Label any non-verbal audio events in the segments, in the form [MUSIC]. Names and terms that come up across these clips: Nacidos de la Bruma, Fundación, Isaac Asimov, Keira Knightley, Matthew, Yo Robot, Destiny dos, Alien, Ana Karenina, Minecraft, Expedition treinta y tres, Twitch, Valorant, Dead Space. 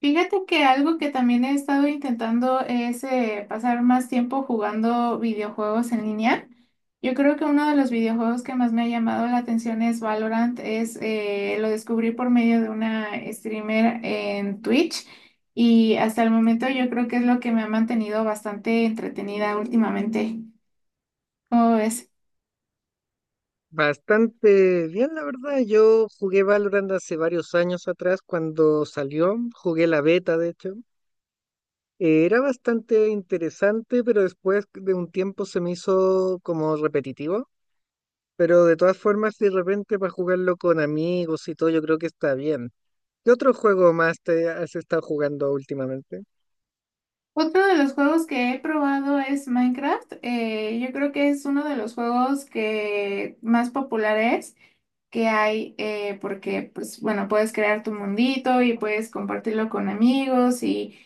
Fíjate que algo que también he estado intentando es pasar más tiempo jugando videojuegos en línea. Yo creo que uno de los videojuegos que más me ha llamado la atención es Valorant. Lo descubrí por medio de una streamer en Twitch y hasta el momento yo creo que es lo que me ha mantenido bastante entretenida últimamente. ¿Cómo ves? Bastante bien, la verdad. Yo jugué Valorant hace varios años atrás cuando salió, jugué la beta, de hecho. Era bastante interesante, pero después de un tiempo se me hizo como repetitivo. Pero de todas formas, si de repente para jugarlo con amigos y todo, yo creo que está bien. ¿Qué otro juego más te has estado jugando últimamente? Otro de los juegos que he probado es Minecraft. Yo creo que es uno de los juegos que más popular es que hay, porque, pues, bueno, puedes crear tu mundito y puedes compartirlo con amigos y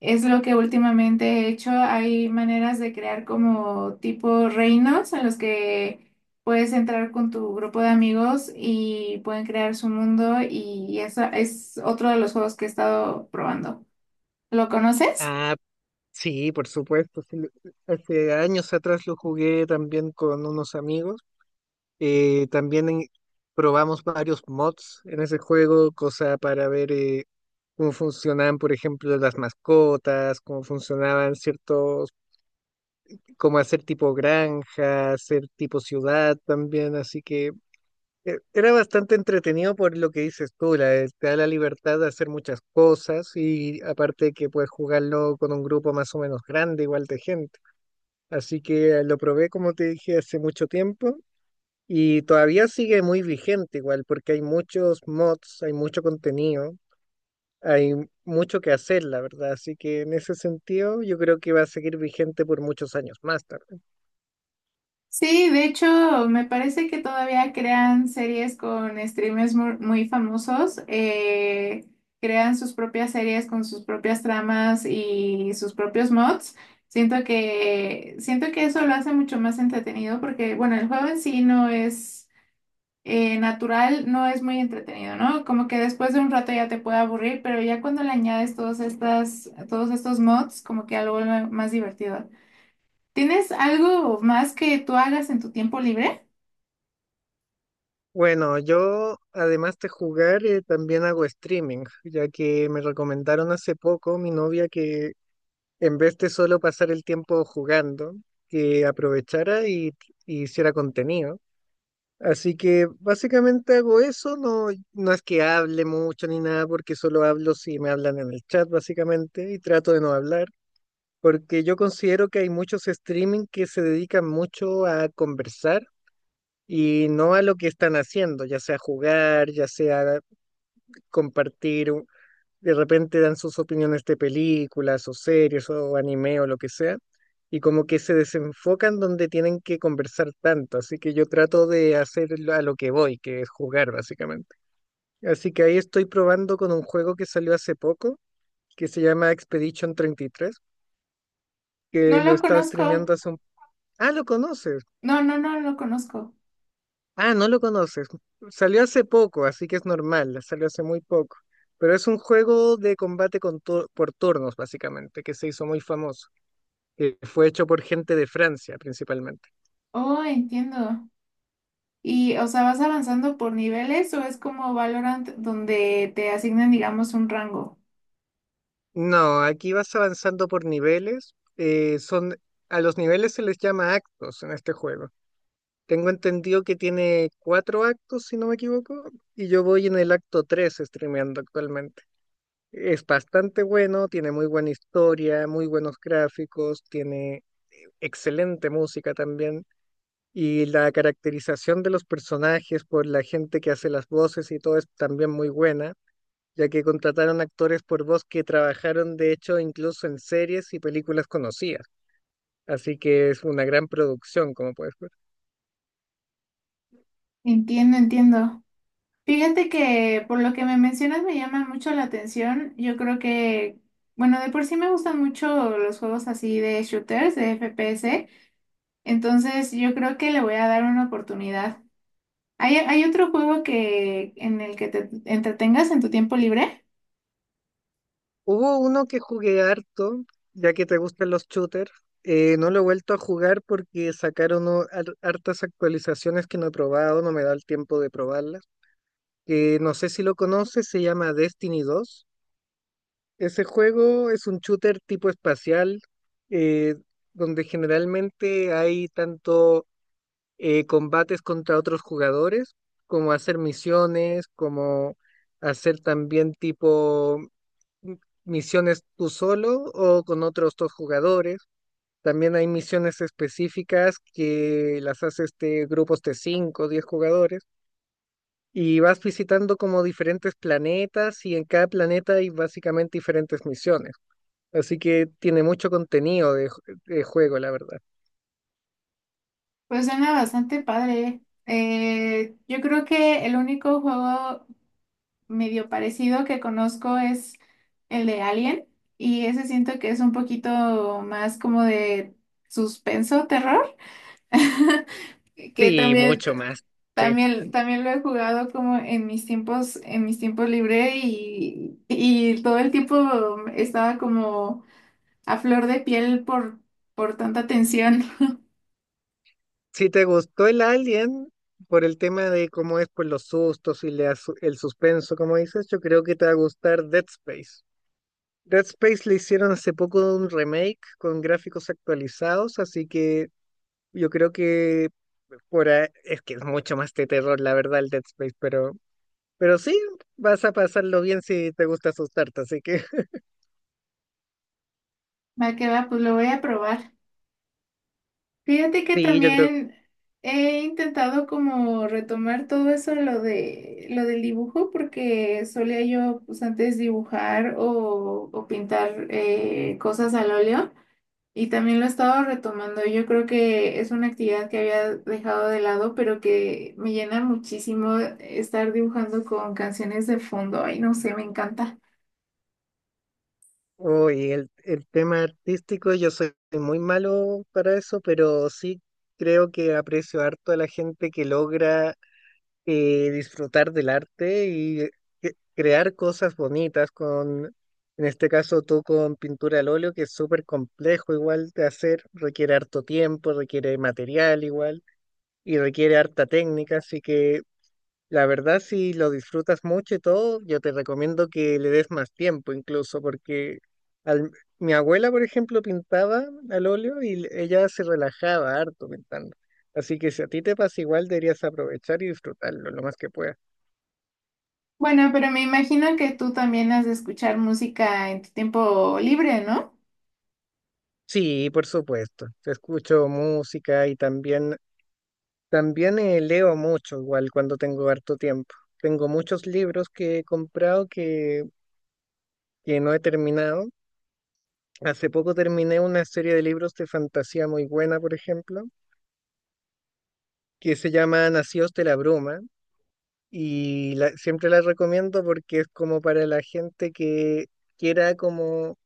es lo que últimamente he hecho. Hay maneras de crear como tipo reinos en los que puedes entrar con tu grupo de amigos y pueden crear su mundo, y eso es otro de los juegos que he estado probando. ¿Lo conoces? Ah, sí, por supuesto. Sí. Hace años atrás lo jugué también con unos amigos. También probamos varios mods en ese juego, cosa para ver cómo funcionaban, por ejemplo, las mascotas, cómo funcionaban ciertos, cómo hacer tipo granja, hacer tipo ciudad también, así que era bastante entretenido por lo que dices tú, te da la libertad de hacer muchas cosas y aparte que puedes jugarlo con un grupo más o menos grande, igual de gente. Así que lo probé, como te dije, hace mucho tiempo, y todavía sigue muy vigente igual, porque hay muchos mods, hay mucho contenido, hay mucho que hacer, la verdad. Así que en ese sentido yo creo que va a seguir vigente por muchos años más tarde. Sí, de hecho, me parece que todavía crean series con streamers muy famosos, crean sus propias series con sus propias tramas y sus propios mods. Siento que eso lo hace mucho más entretenido porque, bueno, el juego en sí no es natural, no es muy entretenido, ¿no? Como que después de un rato ya te puede aburrir, pero ya cuando le añades todos estos mods, como que algo más divertido. ¿Tienes algo más que tú hagas en tu tiempo libre? Bueno, yo además de jugar, también hago streaming, ya que me recomendaron hace poco mi novia que, en vez de solo pasar el tiempo jugando, que aprovechara y hiciera contenido. Así que básicamente hago eso. No, no es que hable mucho ni nada, porque solo hablo si me hablan en el chat básicamente, y trato de no hablar, porque yo considero que hay muchos streaming que se dedican mucho a conversar y no a lo que están haciendo, ya sea jugar, ya sea compartir. De repente dan sus opiniones de películas o series o anime o lo que sea, y como que se desenfocan donde tienen que conversar tanto, así que yo trato de hacer a lo que voy, que es jugar básicamente. Así que ahí estoy probando con un juego que salió hace poco, que se llama Expedition 33, que No lo he lo estado conozco. streameando hace un... Ah, ¿lo conoces? No, no lo conozco. Ah, no lo conoces. Salió hace poco, así que es normal, salió hace muy poco. Pero es un juego de combate con por turnos, básicamente, que se hizo muy famoso, que fue hecho por gente de Francia principalmente. Oh, entiendo. Y, o sea, ¿vas avanzando por niveles o es como Valorant donde te asignan, digamos, un rango? No, aquí vas avanzando por niveles. A los niveles se les llama actos en este juego. Tengo entendido que tiene 4 actos, si no me equivoco, y yo voy en el acto 3 streameando actualmente. Es bastante bueno, tiene muy buena historia, muy buenos gráficos, tiene excelente música también. Y la caracterización de los personajes por la gente que hace las voces y todo es también muy buena, ya que contrataron actores por voz que trabajaron de hecho incluso en series y películas conocidas. Así que es una gran producción, como puedes ver. Entiendo, entiendo. Fíjate que por lo que me mencionas me llama mucho la atención. Yo creo que, bueno, de por sí me gustan mucho los juegos así de shooters, de FPS. Entonces, yo creo que le voy a dar una oportunidad. ¿ hay otro juego que en el que te entretengas en tu tiempo libre? Hubo uno que jugué harto, ya que te gustan los shooters. No lo he vuelto a jugar porque sacaron hartas actualizaciones que no he probado, no me da el tiempo de probarlas. No sé si lo conoces, se llama Destiny 2. Ese juego es un shooter tipo espacial, eh, donde generalmente hay tanto combates contra otros jugadores, como hacer misiones, como hacer también tipo m- misiones tú solo o con otros dos jugadores. También hay misiones específicas que las hace este grupos de 5, o 10 jugadores, y vas visitando como diferentes planetas, y en cada planeta hay básicamente diferentes misiones. Así que tiene mucho contenido de, de juego, la verdad. Pues suena bastante padre. Yo creo que el único juego medio parecido que conozco es el de Alien, y ese siento que es un poquito más como de suspenso, terror, [LAUGHS] que Sí, también mucho más. Sí. También lo he jugado como en mis tiempos libres y todo el tiempo estaba como a flor de piel por tanta tensión. [LAUGHS] Si te gustó el Alien por el tema de cómo es, por los sustos y el suspenso, como dices, yo creo que te va a gustar Dead Space. Dead Space le hicieron hace poco un remake con gráficos actualizados, así que yo creo que por ahí, es que es mucho más de terror, la verdad, el Dead Space, pero, sí, vas a pasarlo bien si te gusta asustarte, así que [LAUGHS] Va que va, pues lo voy a probar. Fíjate que sí, yo creo. también he intentado como retomar todo eso, lo del dibujo, porque solía yo pues antes dibujar o pintar cosas al óleo. Y también lo he estado retomando. Yo creo que es una actividad que había dejado de lado, pero que me llena muchísimo estar dibujando con canciones de fondo. Ay, no sé, me encanta. Uy, el tema artístico, yo soy muy malo para eso, pero sí creo que aprecio harto a la gente que logra disfrutar del arte y crear cosas bonitas con, en este caso tú con pintura al óleo, que es súper complejo igual de hacer, requiere harto tiempo, requiere material igual y requiere harta técnica, así que la verdad, si lo disfrutas mucho y todo, yo te recomiendo que le des más tiempo incluso, porque al- mi abuela, por ejemplo, pintaba al óleo y ella se relajaba harto pintando. Así que si a ti te pasa igual, deberías aprovechar y disfrutarlo lo más que puedas. Bueno, pero me imagino que tú también has de escuchar música en tu tiempo libre, ¿no? Sí, por supuesto. Te escucho música y también leo mucho igual cuando tengo harto tiempo. Tengo muchos libros que he comprado que no he terminado. Hace poco terminé una serie de libros de fantasía muy buena, por ejemplo, que se llama Nacidos de la Bruma, y siempre la recomiendo porque es como para la gente que quiera como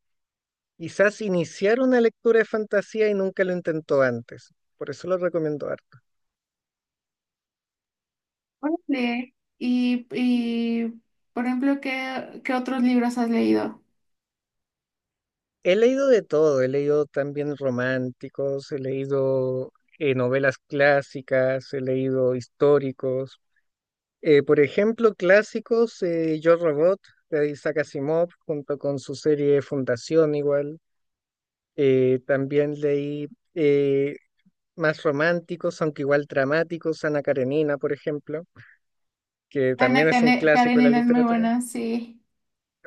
quizás iniciar una lectura de fantasía y nunca lo intentó antes. Por eso lo recomiendo harto. Órale. Y, por ejemplo, ¿ qué otros libros has leído? He leído de todo, he leído también románticos, he leído novelas clásicas, he leído históricos. Por ejemplo, clásicos, Yo Robot de Isaac Asimov, junto con su serie Fundación igual. También leí eh, más románticos, aunque igual dramáticos, Ana Karenina, por ejemplo, que Ana también es un clásico de la Karenina es muy literatura. buena. Sí,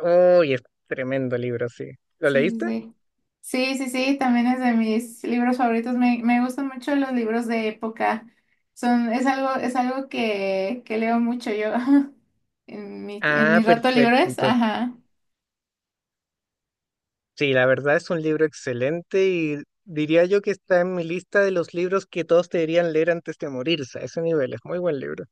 ¡Oh, y es tremendo libro, sí! ¿Lo sí, sí, leíste? sí. Sí, sí, sí, también es de mis libros favoritos. Me gustan mucho los libros de época. Es algo que leo mucho yo [LAUGHS] en Ah, mis ratos perfecto. libres. Entonces, Ajá. sí, la verdad es un libro excelente, y diría yo que está en mi lista de los libros que todos deberían leer antes de morirse. A ese nivel, es muy buen libro.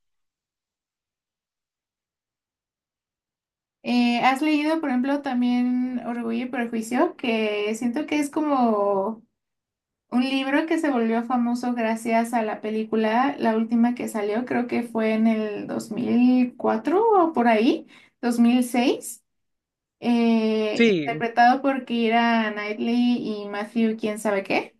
¿Has leído, por ejemplo, también Orgullo y Prejuicio? Que siento que es como un libro que se volvió famoso gracias a la película, la última que salió, creo que fue en el 2004 o por ahí, 2006, Sí, interpretado por Keira Knightley y Matthew, quién sabe qué.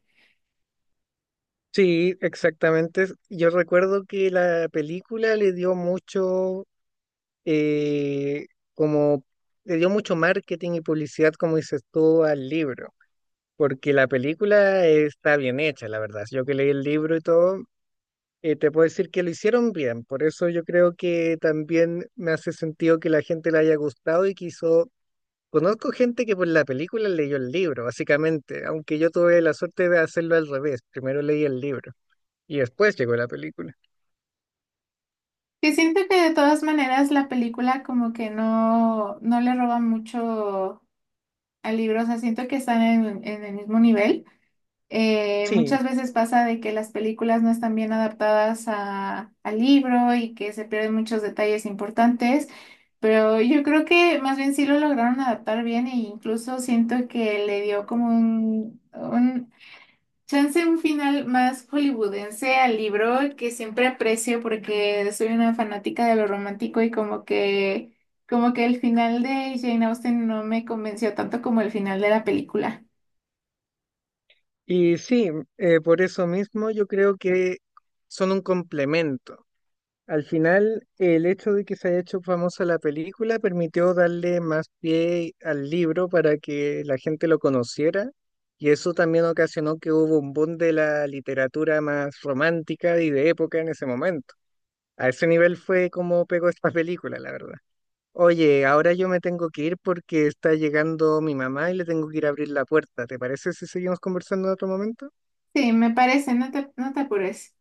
sí, exactamente. Yo recuerdo que la película le dio mucho, eh, como, le dio mucho marketing y publicidad, como dices tú, al libro, porque la película está bien hecha, la verdad. Yo que leí el libro y todo, te puedo decir que lo hicieron bien. Por eso yo creo que también me hace sentido que la gente le haya gustado y quiso... Conozco gente que por la película leyó el libro, básicamente, aunque yo tuve la suerte de hacerlo al revés. Primero leí el libro y después llegó la película. Que siento que de todas maneras la película como que no le roba mucho al libro, o sea, siento que están en el mismo nivel. Sí, Muchas veces pasa de que las películas no están bien adaptadas al libro y que se pierden muchos detalles importantes, pero yo creo que más bien sí lo lograron adaptar bien, e incluso siento que le dio como un chance, un final más hollywoodense al libro, que siempre aprecio porque soy una fanática de lo romántico, y como que el final de Jane Austen no me convenció tanto como el final de la película. y sí, por eso mismo yo creo que son un complemento. Al final, el hecho de que se haya hecho famosa la película permitió darle más pie al libro para que la gente lo conociera, y eso también ocasionó que hubo un boom de la literatura más romántica y de época en ese momento. A ese nivel fue como pegó esta [LAUGHS] película, la verdad. Oye, ahora yo me tengo que ir porque está llegando mi mamá y le tengo que ir a abrir la puerta. ¿Te parece si seguimos conversando en otro momento? Sí, me parece. No te apures.